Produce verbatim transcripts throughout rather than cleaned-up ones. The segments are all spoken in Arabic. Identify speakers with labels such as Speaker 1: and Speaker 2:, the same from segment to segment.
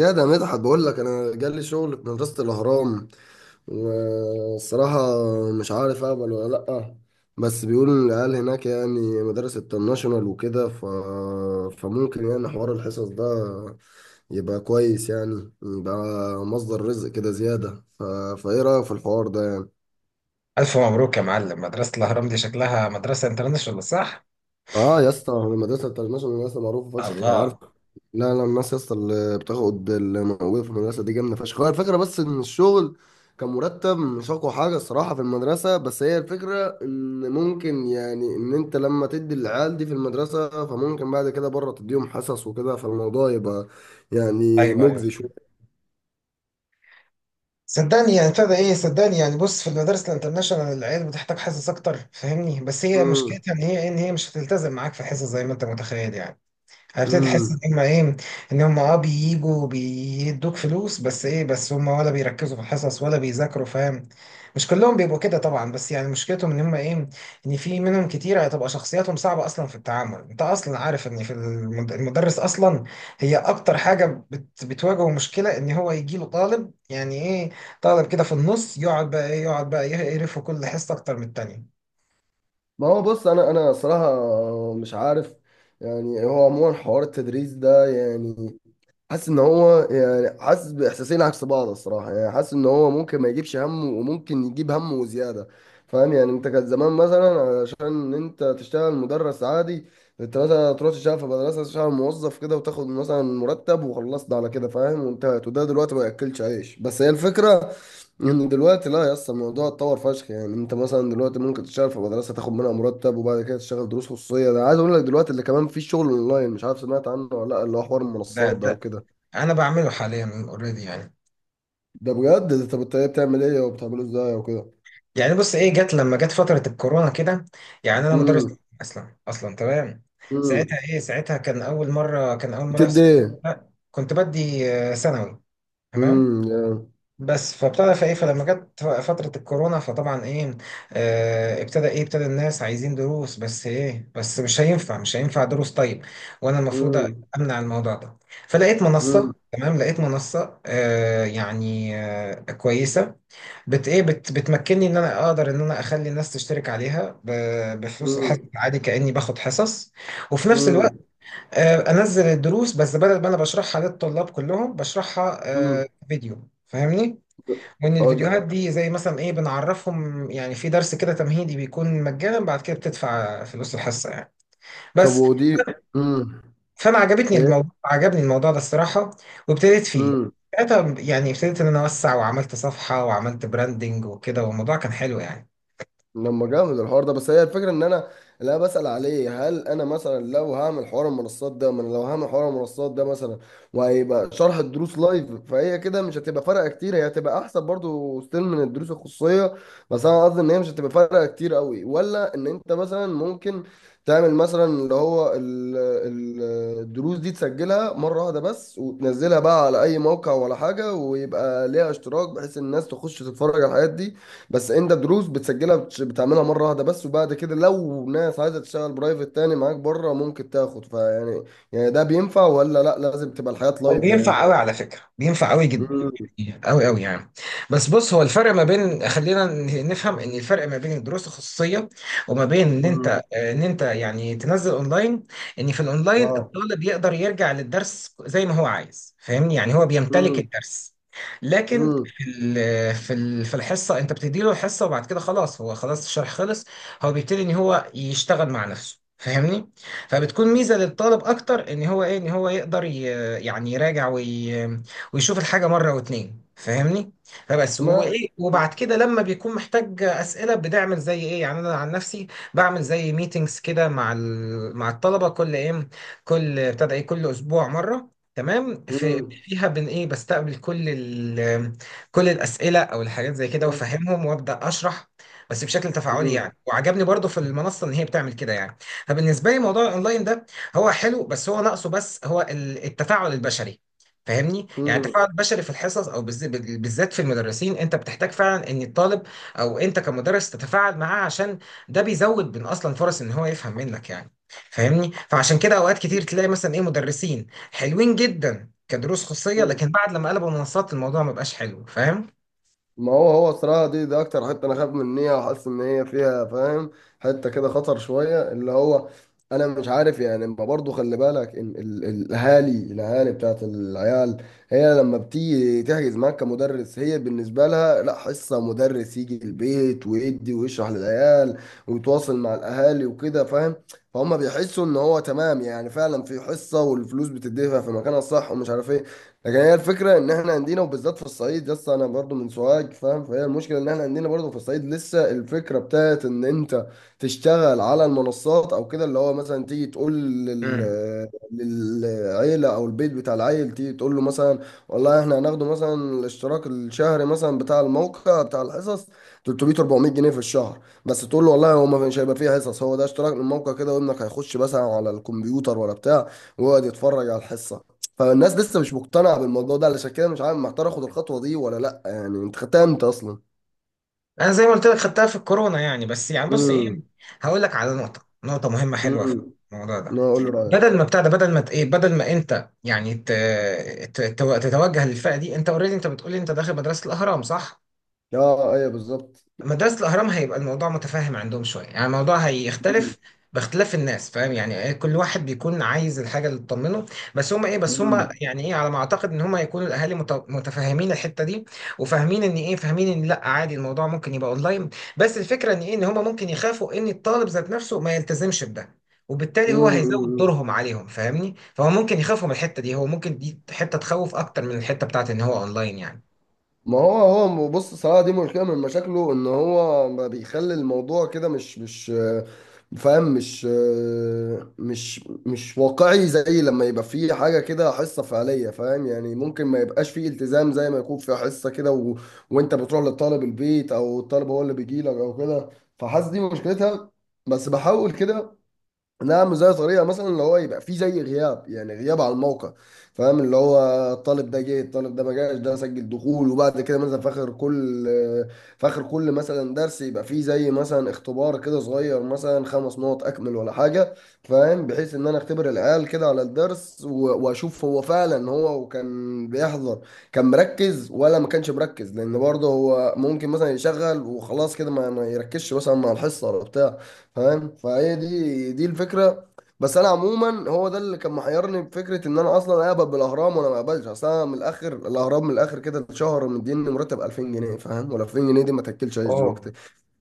Speaker 1: يا ده مدحت بقول لك انا جالي شغل في مدرسة الاهرام، والصراحة مش عارف اقبل ولا لأ. بس بيقولوا إن العيال هناك يعني مدارس الترناشونال وكده، ف... فممكن يعني حوار الحصص ده يبقى كويس، يعني يبقى مصدر رزق كده زيادة. ف... فايه رأيك في الحوار ده؟
Speaker 2: ألف مبروك يا معلم، مدرسة الأهرام دي شكلها مدرسة انترناشونال، صح؟
Speaker 1: اه يا اسطى، المدرسه الانترناشونال مدرسه معروفه فشخ، يعني عارف.
Speaker 2: الله.
Speaker 1: لا لا، الناس يا اسطى اللي بتاخد اللي موجوده في المدرسه دي جامده فشخ. هو الفكره بس ان الشغل كان مرتب، مش اقوى حاجه الصراحه في المدرسه، بس هي الفكره ان ممكن يعني ان انت لما تدي العيال دي في المدرسه، فممكن بعد كده بره تديهم حصص وكده، فالموضوع يبقى يعني
Speaker 2: أيوه، أيوه.
Speaker 1: مجزي شويه.
Speaker 2: صدقني يعني ابتدى إيه صدقني يعني بص، في المدارس الانترناشونال العيال بتحتاج حصص أكتر، فاهمني؟ بس هي
Speaker 1: امم.
Speaker 2: مشكلتها إن هي إن هي مش هتلتزم معاك في حصص زي ما أنت متخيل، يعني هبتدي تحس ان
Speaker 1: امم.
Speaker 2: هم ايه ان هم اه بييجوا بيدوك فلوس، بس ايه بس هم ولا بيركزوا في الحصص ولا بيذاكروا، فاهم؟ مش كلهم بيبقوا كده طبعا، بس يعني مشكلتهم ان هم ايه ان في منهم كتير هتبقى شخصياتهم صعبة اصلا في التعامل. انت اصلا عارف ان في المد- المدرس اصلا، هي اكتر حاجة بت بتواجهه مشكلة، ان هو يجي له طالب يعني ايه طالب كده في النص، يقعد بقى ايه يقعد بقى يقرفه كل حصة اكتر من التانية.
Speaker 1: ما هو بص، انا انا صراحه مش عارف. يعني هو عموما حوار التدريس ده يعني حاسس ان هو، يعني حاسس باحساسين عكس بعض الصراحه، يعني حاسس ان هو ممكن ما يجيبش همه وممكن يجيب همه وزياده. فاهم يعني، انت كان زمان مثلا علشان انت تشتغل مدرس عادي، انت مثلا تروح تشتغل في مدرسه، تشتغل موظف كده وتاخد مثلا مرتب، وخلصت على كده فاهم، وانتهت. وده دلوقتي ما ياكلش عيش، بس هي الفكره ان دلوقتي لا يا اسطى، الموضوع اتطور فشخ. يعني انت مثلا دلوقتي ممكن تشتغل في مدرسه، تاخد منها مرتب، وبعد كده تشتغل دروس خصوصيه. ده عايز اقول لك دلوقتي اللي كمان في شغل اونلاين. مش عارف سمعت عنه ولا لا، اللي هو حوار
Speaker 2: ده
Speaker 1: المنصات ده
Speaker 2: ده
Speaker 1: وكده.
Speaker 2: انا بعمله حاليا اوريدي، يعني
Speaker 1: ده بجد؟ ده طب الطريقه بتعمل ايه وبتعمله ازاي وكده؟
Speaker 2: يعني بص ايه، جت لما جت فترة الكورونا كده، يعني انا مدرس
Speaker 1: امم.
Speaker 2: اصلا اصلا، تمام. ساعتها
Speaker 1: امم.
Speaker 2: ايه ساعتها كان اول مرة كان اول مرة
Speaker 1: بتدي
Speaker 2: يحصل.
Speaker 1: ايه؟
Speaker 2: لا، كنت بدي آه، ثانوي، تمام.
Speaker 1: امم يا.
Speaker 2: بس فابتدى فايه فلما جت فترة الكورونا فطبعا ايه آه ابتدى ايه ابتدى الناس عايزين دروس، بس ايه بس مش هينفع مش هينفع دروس. طيب، وانا المفروض
Speaker 1: امم.
Speaker 2: امنع الموضوع ده. فلقيت منصة،
Speaker 1: امم.
Speaker 2: تمام، لقيت منصة آه يعني آه كويسة، بت ايه بت بتمكنني ان انا اقدر ان انا اخلي الناس تشترك عليها ب- بفلوس الحصص
Speaker 1: امم.
Speaker 2: عادي، كاني باخد حصص. وفي نفس الوقت
Speaker 1: امم.
Speaker 2: آه، انزل الدروس، بس بدل ما انا بشرحها للطلاب كلهم بشرحها
Speaker 1: امم.
Speaker 2: آه، فيديو، فاهمني؟ وان
Speaker 1: اه ده.
Speaker 2: الفيديوهات دي زي مثلا ايه بنعرفهم، يعني في درس كده تمهيدي بيكون مجانا، بعد كده بتدفع فلوس الحصه يعني
Speaker 1: طب
Speaker 2: بس.
Speaker 1: ودي. امم.
Speaker 2: فانا عجبتني الموضوع عجبني الموضوع ده الصراحه، وابتديت فيه
Speaker 1: ايه
Speaker 2: ساعتها. يعني ابتديت ان انا اوسع، وعملت صفحه، وعملت براندنج وكده، والموضوع كان حلو يعني.
Speaker 1: لما جامد الحوار ده! بس هي الفكره ان انا، اللي انا بسال عليه، هل انا مثلا لو هعمل حوار المنصات ده من لو هعمل حوار المنصات ده مثلا، وهيبقى شرح الدروس لايف، فهي كده مش هتبقى فارقه كتير، هي هتبقى احسن برضو ستيل من الدروس الخصوصيه، بس انا قصدي ان هي مش هتبقى فارقه كتير قوي. ولا ان انت مثلا ممكن تعمل مثلا اللي هو ال- ال- الدروس دي تسجلها مره واحده بس، وتنزلها بقى على اي موقع ولا حاجه، ويبقى ليها اشتراك، بحيث الناس تخش تتفرج على الحاجات دي. بس انت دروس بتسجلها، بتش- بتعملها مره واحده بس، وبعد كده لو ناس عايزه تشتغل برايفت تاني معاك بره ممكن تاخد، فيعني يعني. يعني ده بينفع ولا لا؟ لازم تبقى الحياه
Speaker 2: هو
Speaker 1: لايف
Speaker 2: بينفع
Speaker 1: يعني؟
Speaker 2: قوي على فكرة، بينفع قوي جدا،
Speaker 1: امم.
Speaker 2: يعني قوي قوي يعني. بس بص، هو الفرق ما بين، خلينا ن- نفهم، ان الفرق ما بين الدروس الخصوصيه وما بين ان انت
Speaker 1: امم.
Speaker 2: آه، ان انت يعني تنزل اونلاين. ان في الاونلاين
Speaker 1: اه.
Speaker 2: الطالب يقدر يرجع للدرس زي ما هو عايز، فاهمني؟ يعني هو بيمتلك
Speaker 1: امم.
Speaker 2: الدرس، لكن
Speaker 1: امم.
Speaker 2: في ال- في ال- في الحصه انت بتدي له الحصه، وبعد كده خلاص، هو خلاص الشرح خلص، هو بيبتدي ان هو يشتغل مع نفسه، فاهمني؟ فبتكون ميزه للطالب اكتر ان هو ايه ان هو يقدر ي- يعني يراجع وي... ويشوف الحاجة مرة واتنين، فاهمني؟ فبس
Speaker 1: ما.
Speaker 2: وايه، وبعد كده لما بيكون محتاج أسئلة بنعمل زي ايه، يعني انا عن نفسي بعمل زي ميتينجز كده مع ال... مع الطلبة، كل ايه كل ابتدى ايه كل اسبوع مرة، تمام. في
Speaker 1: امم.
Speaker 2: فيها بن ايه بستقبل كل ال... كل الأسئلة او الحاجات زي كده، وافهمهم وابدأ اشرح، بس بشكل تفاعلي
Speaker 1: امم.
Speaker 2: يعني. وعجبني برضو في المنصة ان هي بتعمل كده يعني. فبالنسبة لي موضوع الاونلاين ده هو حلو، بس هو ناقصه، بس هو ال- التفاعل البشري، فاهمني؟ يعني
Speaker 1: امم.
Speaker 2: التفاعل البشري في الحصص او بالز- بالذات في المدرسين، انت بتحتاج فعلا ان الطالب او انت كمدرس تتفاعل معاه، عشان ده بيزود من اصلا فرص ان هو يفهم منك يعني، فاهمني؟ فعشان كده اوقات كتير تلاقي مثلا ايه مدرسين حلوين جدا كدروس خصوصية، لكن بعد لما قلبوا منصات الموضوع ما بقاش حلو، فاهم؟
Speaker 1: ما هو هو الصراحة دي دي أكتر حتة أنا خايف منها وحاسس إن هي فيها فاهم، حتة كده خطر شوية. اللي هو أنا مش عارف يعني، ما برضه خلي بالك إن ال- ال- الأهالي الأهالي بتاعت العيال، هي لما بتيجي تحجز معاك كمدرس، هي بالنسبة لها لا، حصة، مدرس يجي البيت ويدي ويشرح للعيال ويتواصل مع الأهالي وكده فاهم. فهم بيحسوا إن هو تمام، يعني فعلا في حصة، والفلوس بتدفع في مكانها الصح ومش عارف إيه. لكن هي الفكره ان احنا عندنا وبالذات في الصعيد لسه، انا برضو من سوهاج فاهم، فهي المشكله ان احنا عندنا برضو في الصعيد لسه الفكره بتاعت ان انت تشتغل على المنصات او كده، اللي هو مثلا تيجي تقول لل... للعيله او البيت بتاع العيل، تيجي تقول له مثلا والله احنا هناخده مثلا الاشتراك الشهري مثلا بتاع الموقع بتاع الحصص ثلاثمائة اربعمية جنيه في الشهر، بس تقول له والله هو ما مش هيبقى فيه حصص، هو ده اشتراك من الموقع كده، وابنك هيخش مثلا على الكمبيوتر ولا بتاع ويقعد يتفرج على الحصه. فالناس لسه مش مقتنعة بالموضوع ده، علشان كده مش عارف محتار اخد الخطوة دي ولا لا. يعني انت خدتها امتى اصلا؟
Speaker 2: انا زي ما قلت لك خدتها في الكورونا يعني، بس يعني بص ايه،
Speaker 1: امم.
Speaker 2: هقول لك على نقطه نقطه مهمه حلوه في
Speaker 1: امم.
Speaker 2: الموضوع ده.
Speaker 1: انا اقول رأيك.
Speaker 2: بدل ما بتاع ده بدل ما ت- ايه بدل ما انت يعني ت- ت- تتوجه للفئه دي. انت اوريدي، انت بتقولي انت داخل مدرسه الاهرام، صح؟
Speaker 1: اه ايوه بالظبط.
Speaker 2: مدرسة الأهرام هيبقى الموضوع متفاهم عندهم شوية، يعني الموضوع هيختلف باختلاف الناس، فاهم يعني إيه، كل واحد بيكون عايز الحاجة اللي تطمنه. بس هما إيه بس هما
Speaker 1: امم.
Speaker 2: يعني إيه على ما أعتقد إن هما يكونوا الأهالي مت- متفاهمين الحتة دي، وفاهمين إن إيه فاهمين إن لأ عادي، الموضوع ممكن يبقى أونلاين. بس الفكرة إن إيه إن هما ممكن يخافوا إن الطالب ذات نفسه ما يلتزمش بده، وبالتالي هو هيزود
Speaker 1: امم.
Speaker 2: دورهم عليهم، فاهمني؟ فهو ممكن يخافوا من الحتة دي، هو ممكن دي حتة تخوف أكتر من الحتة بتاعت إن هو أونلاين يعني.
Speaker 1: ما هو، هو بص صراحة دي مشكلة من مشاكله، ان هو ما بيخلي الموضوع كده، مش مش آه، فاهم مش آه، مش مش واقعي زي لما يبقى فيه حاجة كده حصة فعلية فاهم يعني. ممكن ما يبقاش فيه التزام زي ما يكون في حصة كده، و... وانت بتروح للطالب البيت او الطالب هو اللي بيجي لك او كده. فحاسس دي مشكلتها، بس بحاول كده. نعم زي طريقة مثلا اللي هو يبقى فيه زي غياب، يعني غياب على الموقع فاهم، اللي هو الطالب ده جه، الطالب ده ما جاش، ده سجل دخول، وبعد كده مثلا في اخر كل في اخر كل مثلا درس يبقى فيه زي مثلا اختبار كده صغير، مثلا خمس نقط اكمل ولا حاجة فاهم، بحيث ان انا اختبر العيال كده على الدرس و- واشوف هو فعلا هو كان بيحضر، كان مركز ولا ما كانش مركز، لان برضه هو ممكن مثلا يشغل وخلاص كده، ما ما يركزش مثلا مع الحصة ولا بتاع فاهم. فهي دي دي الفكره. بس انا عموما هو ده اللي كان محيرني بفكره ان انا اصلا اقبل بالاهرام وانا ما اقبلش. اصل انا من الاخر، الاهرام من الاخر كده، الشهر مديني مرتب الفين جنيه فاهم، ولا الفين جنيه دي ما تاكلش عيش دلوقتي.
Speaker 2: اوه.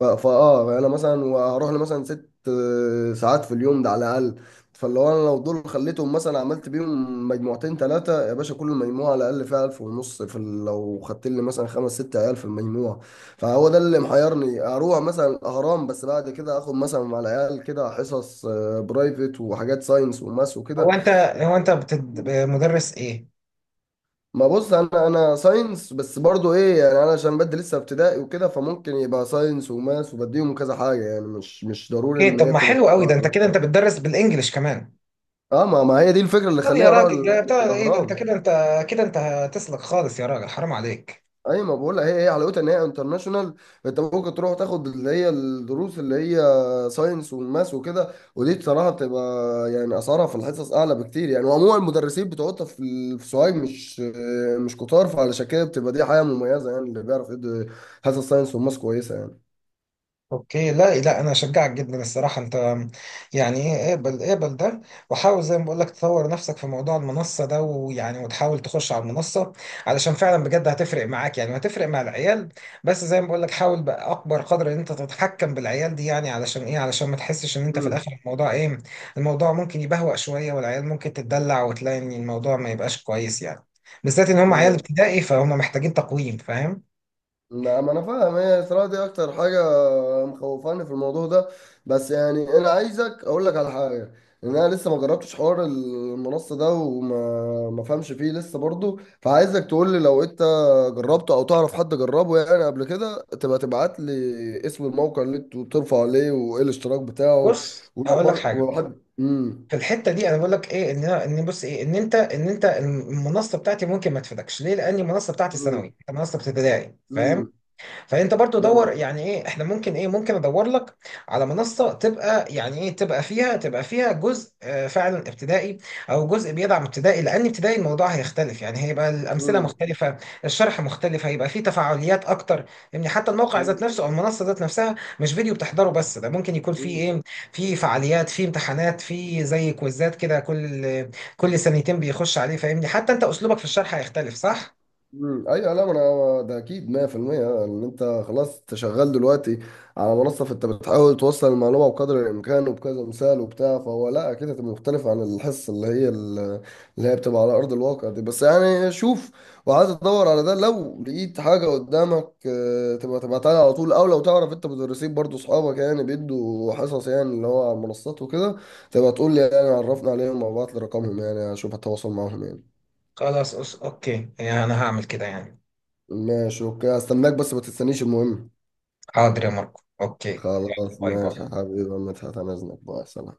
Speaker 1: ف- فاه انا مثلا وهروح لي مثلا ست آه، ساعات في اليوم ده على الاقل. فلو انا لو دول خليتهم مثلا عملت بيهم مجموعتين تلاته يا باشا، كل مجموعه على الاقل فيها الف ونص في ال- لو خدت لي مثلا خمس ست عيال في المجموعه. فهو ده اللي محيرني، اروح مثلا الاهرام بس بعد كده اخد مثلا مع العيال كده حصص آه، برايفت وحاجات ساينس وماس
Speaker 2: هو
Speaker 1: وكده.
Speaker 2: انت هو انت بتد... مدرس ايه؟
Speaker 1: ما بص، انا انا ساينس بس برضو ايه يعني، انا عشان بدي لسه ابتدائي وكده، فممكن يبقى ساينس وماس وبديهم كذا حاجه، يعني مش مش ضروري
Speaker 2: اوكي،
Speaker 1: ان
Speaker 2: طب
Speaker 1: هي
Speaker 2: ما
Speaker 1: بتبقى
Speaker 2: حلو
Speaker 1: مادة
Speaker 2: قوي ده، انت
Speaker 1: واحدة.
Speaker 2: كده انت بتدرس بالانجلش كمان.
Speaker 1: اه، ما ما هي دي الفكره اللي
Speaker 2: طب يا
Speaker 1: خليني اروح
Speaker 2: راجل،
Speaker 1: ال-
Speaker 2: ده بتاع ايه ده؟ انت
Speaker 1: الاهرام.
Speaker 2: كده انت كده انت هتسلك خالص، يا راجل حرام عليك.
Speaker 1: اي ما بقول لك، هي هي حلاوتها ان هي انترناشونال. انت ممكن تروح تاخد اللي هي الدروس اللي هي ساينس وماس وكده، ودي بصراحه بتبقى يعني اسعارها في الحصص اعلى بكتير يعني. وعموما المدرسين بتوعها في ال- في سوهاج مش مش كتار، فعلشان كده بتبقى دي حاجه مميزه، يعني اللي بيعرف يدي حصص ساينس وماس كويسه يعني.
Speaker 2: اوكي، لا لا، انا اشجعك جدا الصراحه. انت يعني ايه، اقبل اقبل ده، وحاول زي ما بقول لك تطور نفسك في موضوع المنصه ده، ويعني وتحاول تخش على المنصه، علشان فعلا بجد هتفرق معاك يعني، وهتفرق مع العيال. بس زي ما بقول لك حاول باكبر قدر ان انت تتحكم بالعيال دي يعني، علشان ايه علشان ما تحسش ان انت في
Speaker 1: امم.
Speaker 2: الاخر الموضوع ايه، الموضوع ممكن يبهوأ شويه، والعيال ممكن تتدلع، وتلاقي ان الموضوع ما يبقاش كويس يعني. بالذات ان هم عيال ابتدائي، فهم محتاجين تقويم، فاهم؟
Speaker 1: لا ما انا فاهم، هي الصراحه دي اكتر حاجه مخوفاني في الموضوع ده. بس يعني انا عايزك اقول لك على حاجه، ان انا لسه ما جربتش حوار المنصه ده، وما ما فهمش فيه لسه برضو، فعايزك تقول لي لو انت جربته او تعرف حد جربه يعني قبل كده، تبقى تبعت لي اسم الموقع اللي انتوا بترفعوا عليه، وايه الاشتراك بتاعه.
Speaker 2: بص
Speaker 1: ولو
Speaker 2: هقول لك
Speaker 1: برضو
Speaker 2: حاجه،
Speaker 1: وحد
Speaker 2: في
Speaker 1: امم.
Speaker 2: الحته دي انا بقول لك ايه، ان أنا- ان بص ايه ان انت ان انت المنصه بتاعتي ممكن ما تفيدكش، ليه؟ لان المنصه بتاعتي ثانوي، انت منصه ابتدائي، فاهم؟
Speaker 1: امم.
Speaker 2: فانت برضو دور يعني ايه، احنا ممكن ايه ممكن ادور لك على منصه تبقى يعني ايه تبقى فيها تبقى فيها جزء آه، فعلا ابتدائي، او جزء بيدعم ابتدائي. لان ابتدائي الموضوع هيختلف يعني، هيبقى الامثله
Speaker 1: امم.
Speaker 2: مختلفه، الشرح مختلف، هيبقى فيه تفاعليات اكتر. يعني حتى الموقع ذات
Speaker 1: امم.
Speaker 2: نفسه او المنصه ذات نفسها مش فيديو بتحضره بس، ده ممكن يكون فيه ايه فيه فعاليات، فيه امتحانات، فيه زي كويزات كده، كل كل سنتين بيخش عليه، فاهمني؟ حتى انت اسلوبك في الشرح هيختلف، صح؟
Speaker 1: مم. ايوه. لا ما انا ده اكيد مية في المية، ان انت خلاص انت شغال دلوقتي على منصه، فانت بتحاول توصل المعلومه بقدر الامكان وبكذا مثال وبتاع، فهو لا اكيد هتبقى مختلف عن الحصه اللي هي ال- اللي هي بتبقى على ارض الواقع دي. بس يعني شوف وعايز تدور على ده، لو لقيت حاجه قدامك آه، تبقى تبعتها لي على طول، او لو تعرف انت مدرسين برضو اصحابك يعني بيدوا حصص، يعني اللي هو على المنصات وكده، تبقى تقول لي يعني عرفنا عليهم او ابعت لي رقمهم يعني اشوف هتواصل معاهم يعني.
Speaker 2: خلاص أس... اوكي، يعني انا هعمل كده يعني.
Speaker 1: ماشي اوكي، استناك. بس ما تستنيش المهم.
Speaker 2: حاضر يا ماركو، اوكي. يلا،
Speaker 1: خلاص
Speaker 2: باي
Speaker 1: ماشي يا
Speaker 2: باي.
Speaker 1: حبيبي يا مدحت، انا اذنك بقى، سلام.